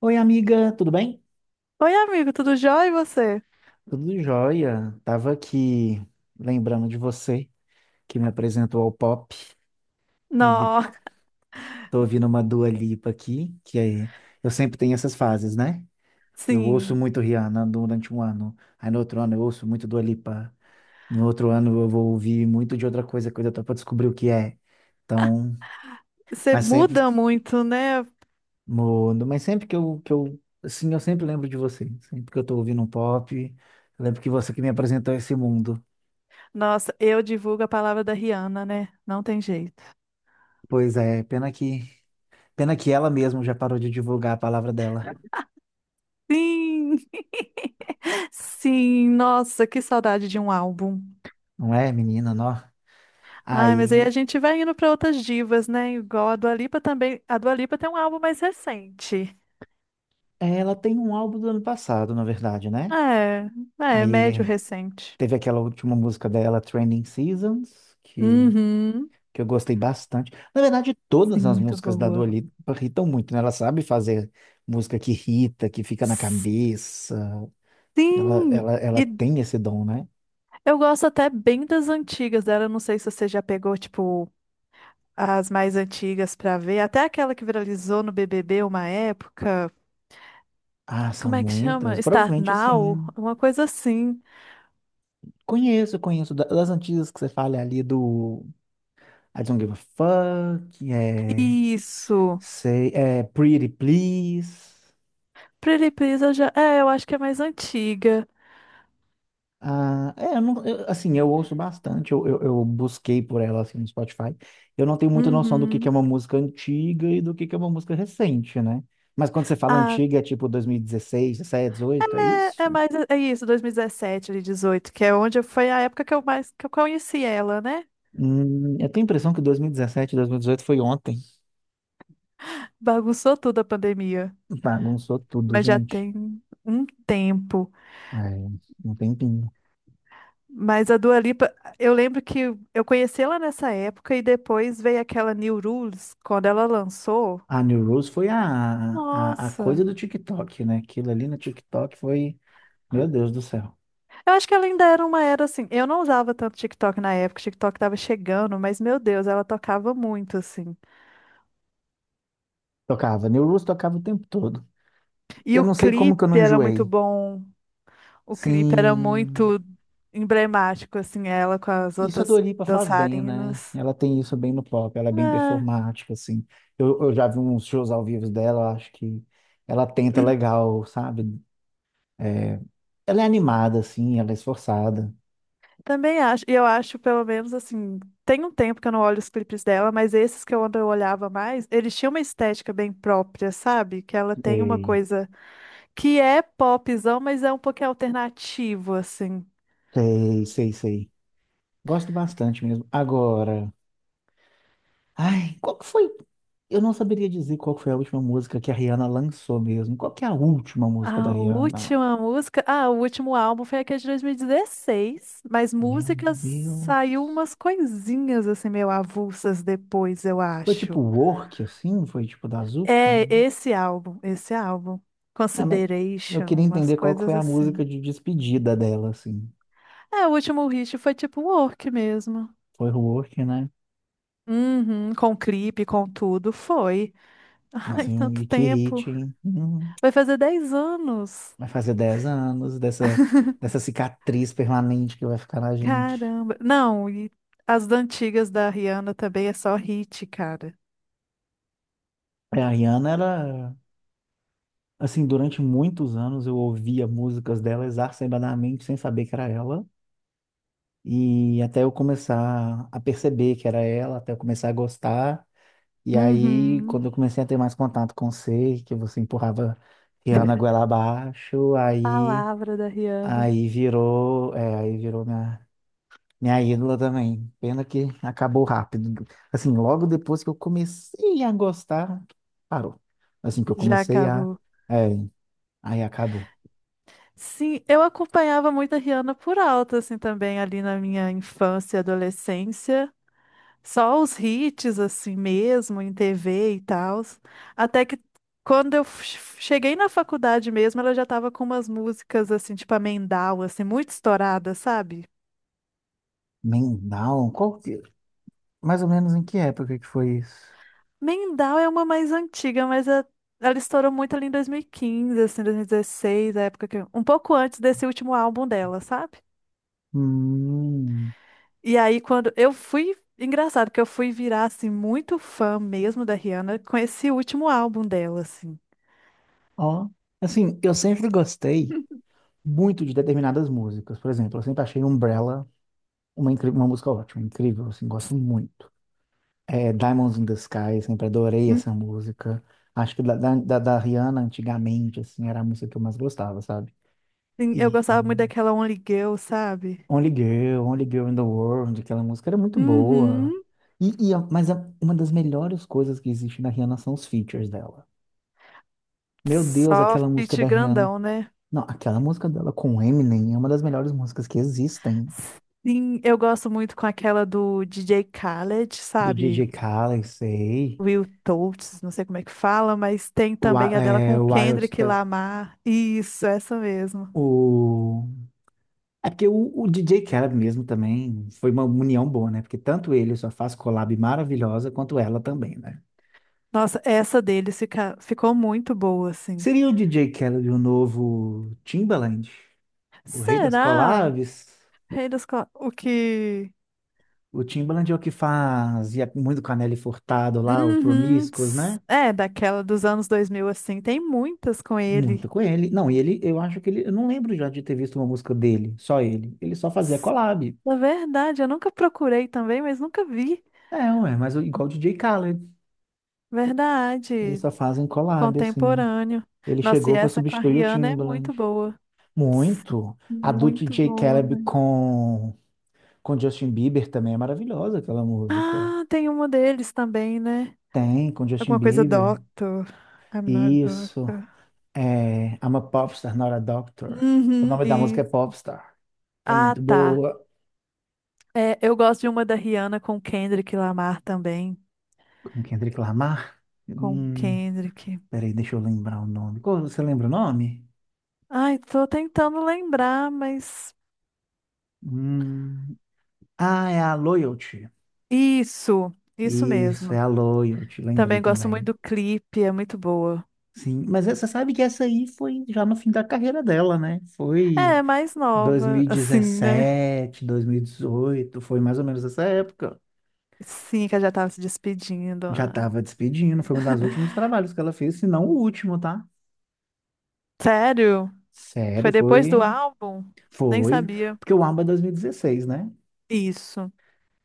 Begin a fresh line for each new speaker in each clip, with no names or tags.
Oi, amiga, tudo bem?
Oi, amigo, tudo jóia e você?
Tudo jóia. Tava aqui lembrando de você que me apresentou ao pop e de-
Nossa,
tô ouvindo uma Dua Lipa aqui, que é, eu sempre tenho essas fases, né? Eu ouço
sim,
muito Rihanna durante um ano, aí no outro ano eu ouço muito Dua Lipa, no outro ano eu vou ouvir muito de outra coisa, coisa até para descobrir o que é. Então,
você
mas sempre,
muda muito, né?
no, mas sempre que eu, assim, eu sempre lembro de você. Sempre que eu tô ouvindo um pop, eu lembro que você que me apresentou esse mundo.
Nossa, eu divulgo a palavra da Rihanna, né? Não tem jeito.
Pois é, pena que ela mesma já parou de divulgar a palavra dela,
Sim, sim, nossa, que saudade de um álbum.
não é, menina, não?
Ai, mas aí
Aí,
a gente vai indo para outras divas, né? Igual a Dua Lipa também. A Dua Lipa tem um álbum mais recente.
ela tem um álbum do ano passado, na verdade, né?
É, é,
Aí
médio
é,
recente.
teve aquela última música dela, Trending Seasons, que,
Uhum.
que eu gostei bastante. Na verdade,
Sim,
todas as
muito
músicas da
boa.
Dua Lipa irritam muito, né? Ela sabe fazer música que irrita, que fica na cabeça. Ela,
Sim,
ela, ela
e
tem esse dom, né?
eu gosto até bem das antigas dela. Eu não sei se você já pegou, tipo, as mais antigas pra ver. Até aquela que viralizou no BBB uma época.
Ah,
Como
são
é que chama?
muitas.
Start
Provavelmente,
Now?
assim,
Uma coisa assim.
conheço das antigas que você fala ali do I don't give a fuck.
Isso.
Say, pretty please.
Pretty Please, eu já... É, eu acho que é mais antiga.
Ah, é, eu não- eu, assim, eu ouço bastante, eu busquei por ela assim, no Spotify. Eu não tenho muita noção do que é
Uhum.
uma música antiga e do que é uma música recente, né? Mas quando você fala
Ah,
antiga, é tipo 2016, 17, 18, é
é, é
isso?
mais... É isso, 2017 ali, 18, que é onde foi a época que eu mais... que eu conheci ela, né?
Eu tenho a impressão que 2017, 2018 foi ontem.
Bagunçou tudo a pandemia.
Bagunçou tudo,
Mas já
gente.
tem um tempo.
É, um tempinho.
Mas a Dua Lipa, eu lembro que eu conheci ela nessa época e depois veio aquela New Rules, quando ela lançou.
A New Rules foi a coisa
Nossa!
do TikTok, né? Aquilo ali no TikTok foi, meu Deus do céu.
Eu acho que ela ainda era uma era assim. Eu não usava tanto TikTok na época, o TikTok tava chegando, mas meu Deus, ela tocava muito assim.
Tocava, New Rules tocava o tempo todo.
E
Eu
o
não sei como que eu
clipe
não
era muito
enjoei.
bom. O clipe era
Sim,
muito emblemático assim, ela com as
isso a
outras
Dua faz bem, né?
dançarinas.
Ela tem isso bem no pop, ela é bem performática, assim. Eu já vi uns shows ao vivo dela, eu acho que ela tenta legal, sabe? É, ela é animada, assim, ela é esforçada.
Também acho, e eu acho, pelo menos assim, tem um tempo que eu não olho os clipes dela, mas esses que eu ando eu olhava mais, eles tinham uma estética bem própria, sabe? Que ela tem uma
Sei,
coisa que é popzão, mas é um pouquinho alternativo, assim.
sei, sei, sei. Gosto bastante mesmo. Agora. Ai, qual que foi? Eu não saberia dizer qual foi a última música que a Rihanna lançou mesmo. Qual que é a última música da
A
Rihanna?
última música, ah, o último álbum foi aquele de 2016, mas
Meu
músicas
Deus.
saiu umas coisinhas assim meio avulsas depois, eu
Foi tipo
acho.
Work, assim? Foi tipo das últimas?
É esse álbum, esse álbum.
É, mas eu
Consideration,
queria
umas
entender qual que foi
coisas
a
assim.
música de despedida dela, assim.
É, o último hit foi tipo work mesmo.
Foi Work, né?
Uhum, com clipe, com tudo, foi. Ai,
Nossa,
tanto
e que
tempo.
hit, hein?
Vai fazer 10 anos.
Vai fazer 10 anos dessa, dessa cicatriz permanente que vai ficar na gente.
Caramba. Não, e as da antigas da Rihanna também é só hit, cara.
É, a Rihanna era assim, durante muitos anos eu ouvia músicas dela exacerbadamente, sem saber que era ela. E até eu começar a perceber que era ela, até eu começar a gostar. E aí,
Uhum.
quando eu comecei a ter mais contato com você, que você empurrava Rihanna goela abaixo,
A
aí,
palavra da Rihanna
aí virou, é, aí virou minha ídola também. Pena que acabou rápido. Assim, logo depois que eu comecei a gostar, parou. Assim que eu
já
comecei a,
acabou.
é, aí acabou.
Sim, eu acompanhava muito a Rihanna por alto, assim, também ali na minha infância e adolescência. Só os hits, assim mesmo, em TV e tal. Até que quando eu cheguei na faculdade mesmo, ela já tava com umas músicas, assim, tipo a Mendal, assim, muito estourada, sabe?
Mendal? Qual que, mais ou menos em que época que foi isso?
Mendal é uma mais antiga, mas ela estourou muito ali em 2015, assim, 2016, a época que... Um pouco antes desse último álbum dela, sabe?
Hum,
E aí, quando eu fui... Engraçado que eu fui virar, assim, muito fã mesmo da Rihanna com esse último álbum dela, assim.
Ó, assim, eu sempre gostei muito de determinadas músicas. Por exemplo, eu sempre achei Umbrella uma música ótima, incrível, assim, gosto muito. É, Diamonds in the Sky, sempre adorei essa música. Acho que da Rihanna, antigamente, assim, era a música que eu mais gostava, sabe?
Sim, eu
E
gostava muito daquela Only Girl, sabe?
Only Girl, Only Girl in the World, aquela música era muito
Uhum.
boa. E, uma das melhores coisas que existe na Rihanna são os features dela. Meu Deus,
Só
aquela música
feat
da Rihanna.
grandão, né?
Não, aquela música dela com o Eminem é uma das melhores músicas que existem.
Sim, eu gosto muito com aquela do DJ Khaled,
Do
sabe?
DJ Khaled, sei.
Will Totes, não sei como é que fala, mas tem também a dela com o
Wild,
Kendrick Lamar. Isso, essa mesmo.
O... É porque o DJ Khaled mesmo também foi uma união boa, né? Porque tanto ele só faz collab maravilhosa, quanto ela também, né?
Nossa, essa deles ficou muito boa, assim.
Seria o DJ Khaled o novo Timbaland? O Rei das
Será?
Colaves,
Rei dos O que.
o Timbaland é o que fazia muito com a Nelly Furtado lá, o
Uhum.
Promiscuous, né?
É, daquela dos anos 2000 assim. Tem muitas com
Muito
ele.
com ele. Não, e ele, eu acho que ele, eu não lembro já de ter visto uma música dele, só ele. Ele só fazia collab.
Na verdade, eu nunca procurei também, mas nunca vi.
É, ué, mas igual o DJ Khaled, eles
Verdade,
só fazem collab, assim.
contemporâneo.
Ele
Nossa, e
chegou para
essa com a
substituir o
Rihanna é muito
Timbaland.
boa. Ps,
Muito. A do
Muito
DJ
boa,
Khaled
né?
com Justin Bieber também é maravilhosa aquela música.
Ah, tem uma deles também, né?
Tem, com Justin
Alguma coisa
Bieber.
Doctor. I'm not a
Isso.
doctor.
É, I'm a Popstar, Not a Doctor. O
Uhum,
nome da música é
isso.
Popstar. É
Ah,
muito
tá.
boa.
É, eu gosto de uma da Rihanna com o Kendrick Lamar também.
Com Kendrick Lamar?
Com o
Hum,
Kendrick.
Peraí, deixa eu lembrar o nome. Você lembra o nome?
Ai, tô tentando lembrar, mas.
Hum, ah, é a Loyalty.
Isso
Isso, é
mesmo.
a Loyalty, lembrei
Também gosto muito
também.
do clipe, é muito boa.
Sim, mas você sabe que essa aí foi já no fim da carreira dela, né?
É,
Foi
é mais nova, assim, né?
2017, 2018, foi mais ou menos essa época.
Sim, que ela já tava se despedindo.
Já
Ah.
estava despedindo, foi um dos últimos trabalhos que ela fez, se não o último, tá?
Sério? Foi
Sério,
depois
foi,
do álbum? Nem
foi,
sabia.
porque o ABBA é 2016, né?
Isso.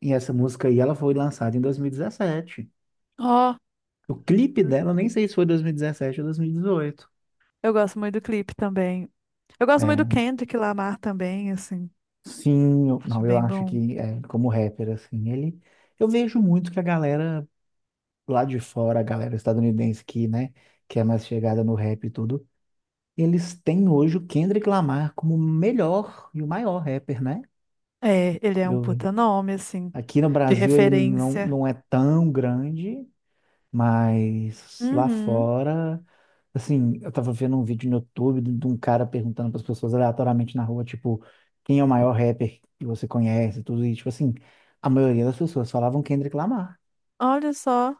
E essa música aí, ela foi lançada em 2017.
Ó,
O clipe dela, eu nem sei se foi 2017 ou 2018.
eu gosto muito do clipe também. Eu gosto muito do
É,
Kendrick Lamar também, assim.
sim,
Acho
não, eu
bem
acho
bom.
que é, como rapper, assim, eu vejo muito que a galera lá de fora, a galera estadunidense que, né, que é mais chegada no rap e tudo, eles têm hoje o Kendrick Lamar como o melhor e o maior rapper, né?
É, ele é um
Eu-
puta nome, assim,
Aqui no
de
Brasil ele não,
referência.
não é tão grande, mas lá
Uhum.
fora, assim, eu tava vendo um vídeo no YouTube de um cara perguntando para as pessoas aleatoriamente na rua, tipo, quem é o maior rapper que você conhece, tudo isso, tipo assim, a maioria das pessoas falavam Kendrick Lamar.
Olha só.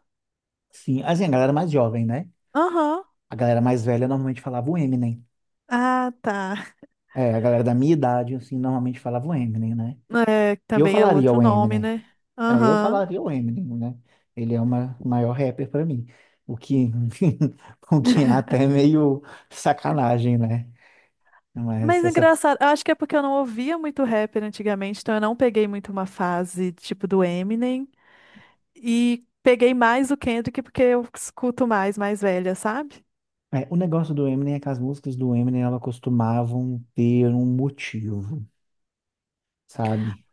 Sim, assim, a galera mais jovem, né?
Aham.
A galera mais velha normalmente falava o Eminem.
Ah, tá.
É, a galera da minha idade, assim, normalmente falava o Eminem, né?
É,
Eu
também é
falaria
outro
o
nome,
Eminem.
né?
É, eu
Aham.
falaria o Eminem, né? Ele é o maior rapper pra mim. O que, o que é até meio sacanagem, né? Mas
Mas é engraçado, eu acho que é porque eu não ouvia muito rapper antigamente, então eu não peguei muito uma fase tipo do Eminem e peguei mais o Kendrick porque eu escuto mais, mais velha, sabe?
o negócio do Eminem é que as músicas do Eminem elas costumavam ter um motivo, sabe?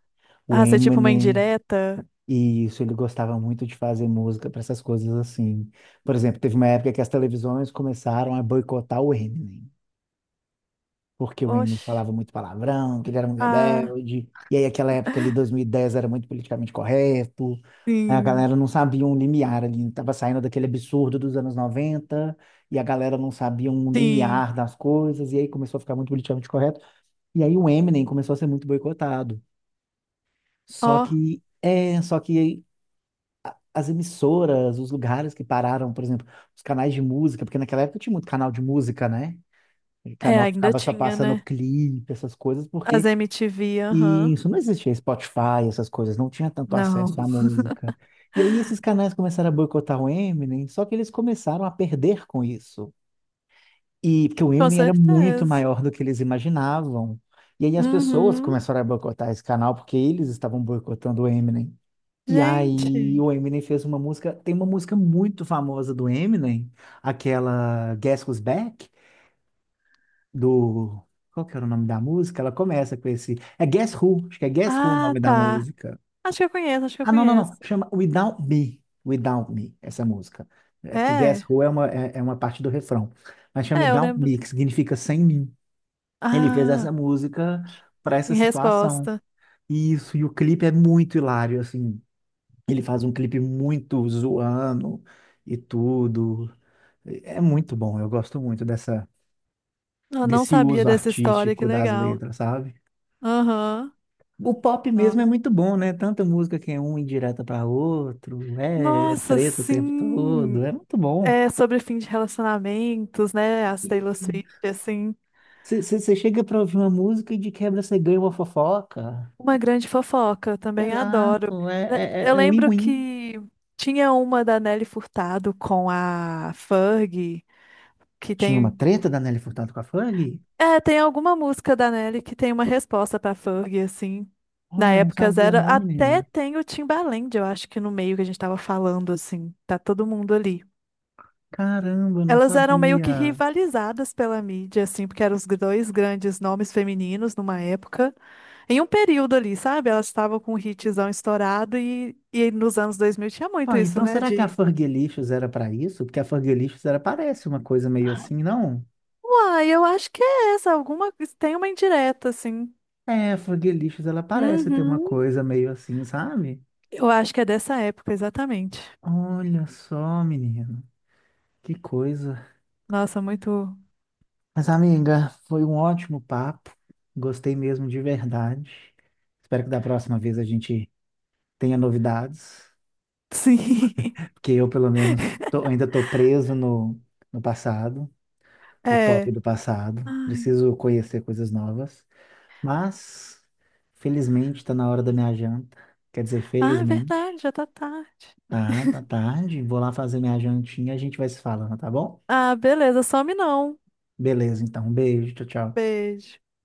O
Ah, ser tipo uma
Eminem,
indireta?
e isso, ele gostava muito de fazer música para essas coisas assim. Por exemplo, teve uma época que as televisões começaram a boicotar o Eminem, porque o Eminem
Oxe.
falava muito palavrão, que ele era um
Ah,
rebelde. E aí, aquela época ali, 2010 era muito politicamente correto. Né? A
sim,
galera não sabia um limiar ali, estava saindo daquele absurdo dos anos 90 e a galera não sabia um
sim.
limiar das coisas, e aí começou a ficar muito politicamente correto. E aí o Eminem começou a ser muito boicotado.
Ó,
Só que, é, só que as emissoras, os lugares que pararam, por exemplo, os canais de música, porque naquela época tinha muito canal de música, né? E
é,
canal que
ainda
ficava só
tinha,
passando
né?
clipe, essas coisas,
As
porque
MTV,
e
aham.
isso não existia Spotify, essas coisas, não tinha tanto
Não.
acesso à música. E aí esses canais começaram a boicotar o Eminem, só que eles começaram a perder com isso. E porque o
Com
Eminem era muito
certeza.
maior do que eles imaginavam. E aí as pessoas
Uhum.
começaram a boicotar esse canal porque eles estavam boicotando o Eminem. E aí
Gente.
o Eminem fez uma música, tem uma música muito famosa do Eminem, aquela Guess Who's Back, do... Qual que era o nome da música? Ela começa com esse... É Guess Who, acho que é Guess Who o
Ah,
nome da
tá.
música.
Acho que eu conheço, acho que eu
Ah, não, não, não.
conheço.
Chama Without Me. Without Me, essa música. É porque Guess
É,
Who é uma parte do refrão. Mas chama
é, eu
Without
lembro.
Me, que significa sem mim. Ele fez
Ah.
essa música para essa
Em
situação.
resposta.
E isso, e o clipe é muito hilário, assim. Ele faz um clipe muito zoando e tudo. É muito bom, eu gosto muito dessa,
Eu não
desse
sabia
uso
dessa história, que
artístico das
legal.
letras, sabe?
Aham.
O pop
Ah.
mesmo é muito bom, né? Tanta música que é um indireta para outro, é, é
Nossa,
treta o tempo todo,
sim!
é muito bom.
É sobre fim de relacionamentos, né? As Taylor
E
Swift, assim.
você chega para ouvir uma música e de quebra você ganha uma fofoca.
Uma grande fofoca, eu também adoro.
Exato, é é- é
Eu
é
lembro
win-win.
que tinha uma da Nelly Furtado com a Fergie, que
Tinha uma
tem.
treta da Nelly Furtado com a Fergie?
É, tem alguma música da Nelly que tem uma resposta pra Fergie, assim. Na
Olha, não
época
sabia
zero,
não,
até
menina.
tem o Timbaland, eu acho que no meio que a gente tava falando, assim. Tá todo mundo ali.
Caramba, eu não
Elas eram meio que
sabia.
rivalizadas pela mídia, assim, porque eram os dois grandes nomes femininos numa época. Em um período ali, sabe? Elas estavam com o hitzão estourado e nos anos 2000 tinha muito
Ah,
isso,
então
né?
será que a
De,
Fergalicious era para isso? Porque a Fergalicious era parece uma coisa meio assim, não?
uai, eu acho que é essa, alguma, tem uma indireta, assim.
É, a Fergalicious ela parece ter uma
Uhum,
coisa meio assim, sabe?
eu acho que é dessa época, exatamente.
Olha só, menino, que coisa.
Nossa, muito.
Mas, amiga, foi um ótimo papo. Gostei mesmo de verdade. Espero que da próxima vez a gente tenha novidades,
Sim.
porque eu, pelo menos, ainda estou preso no passado, o pop
É.
do passado.
Ai.
Preciso conhecer coisas novas. Mas, felizmente, está na hora da minha janta. Quer dizer,
Ah, é
felizmente.
verdade, já tá tarde.
Tá, tá tarde. Vou lá fazer minha jantinha e a gente vai se falando, tá bom?
Ah, beleza, some não.
Beleza, então. Um beijo, tchau, tchau.
Beijo.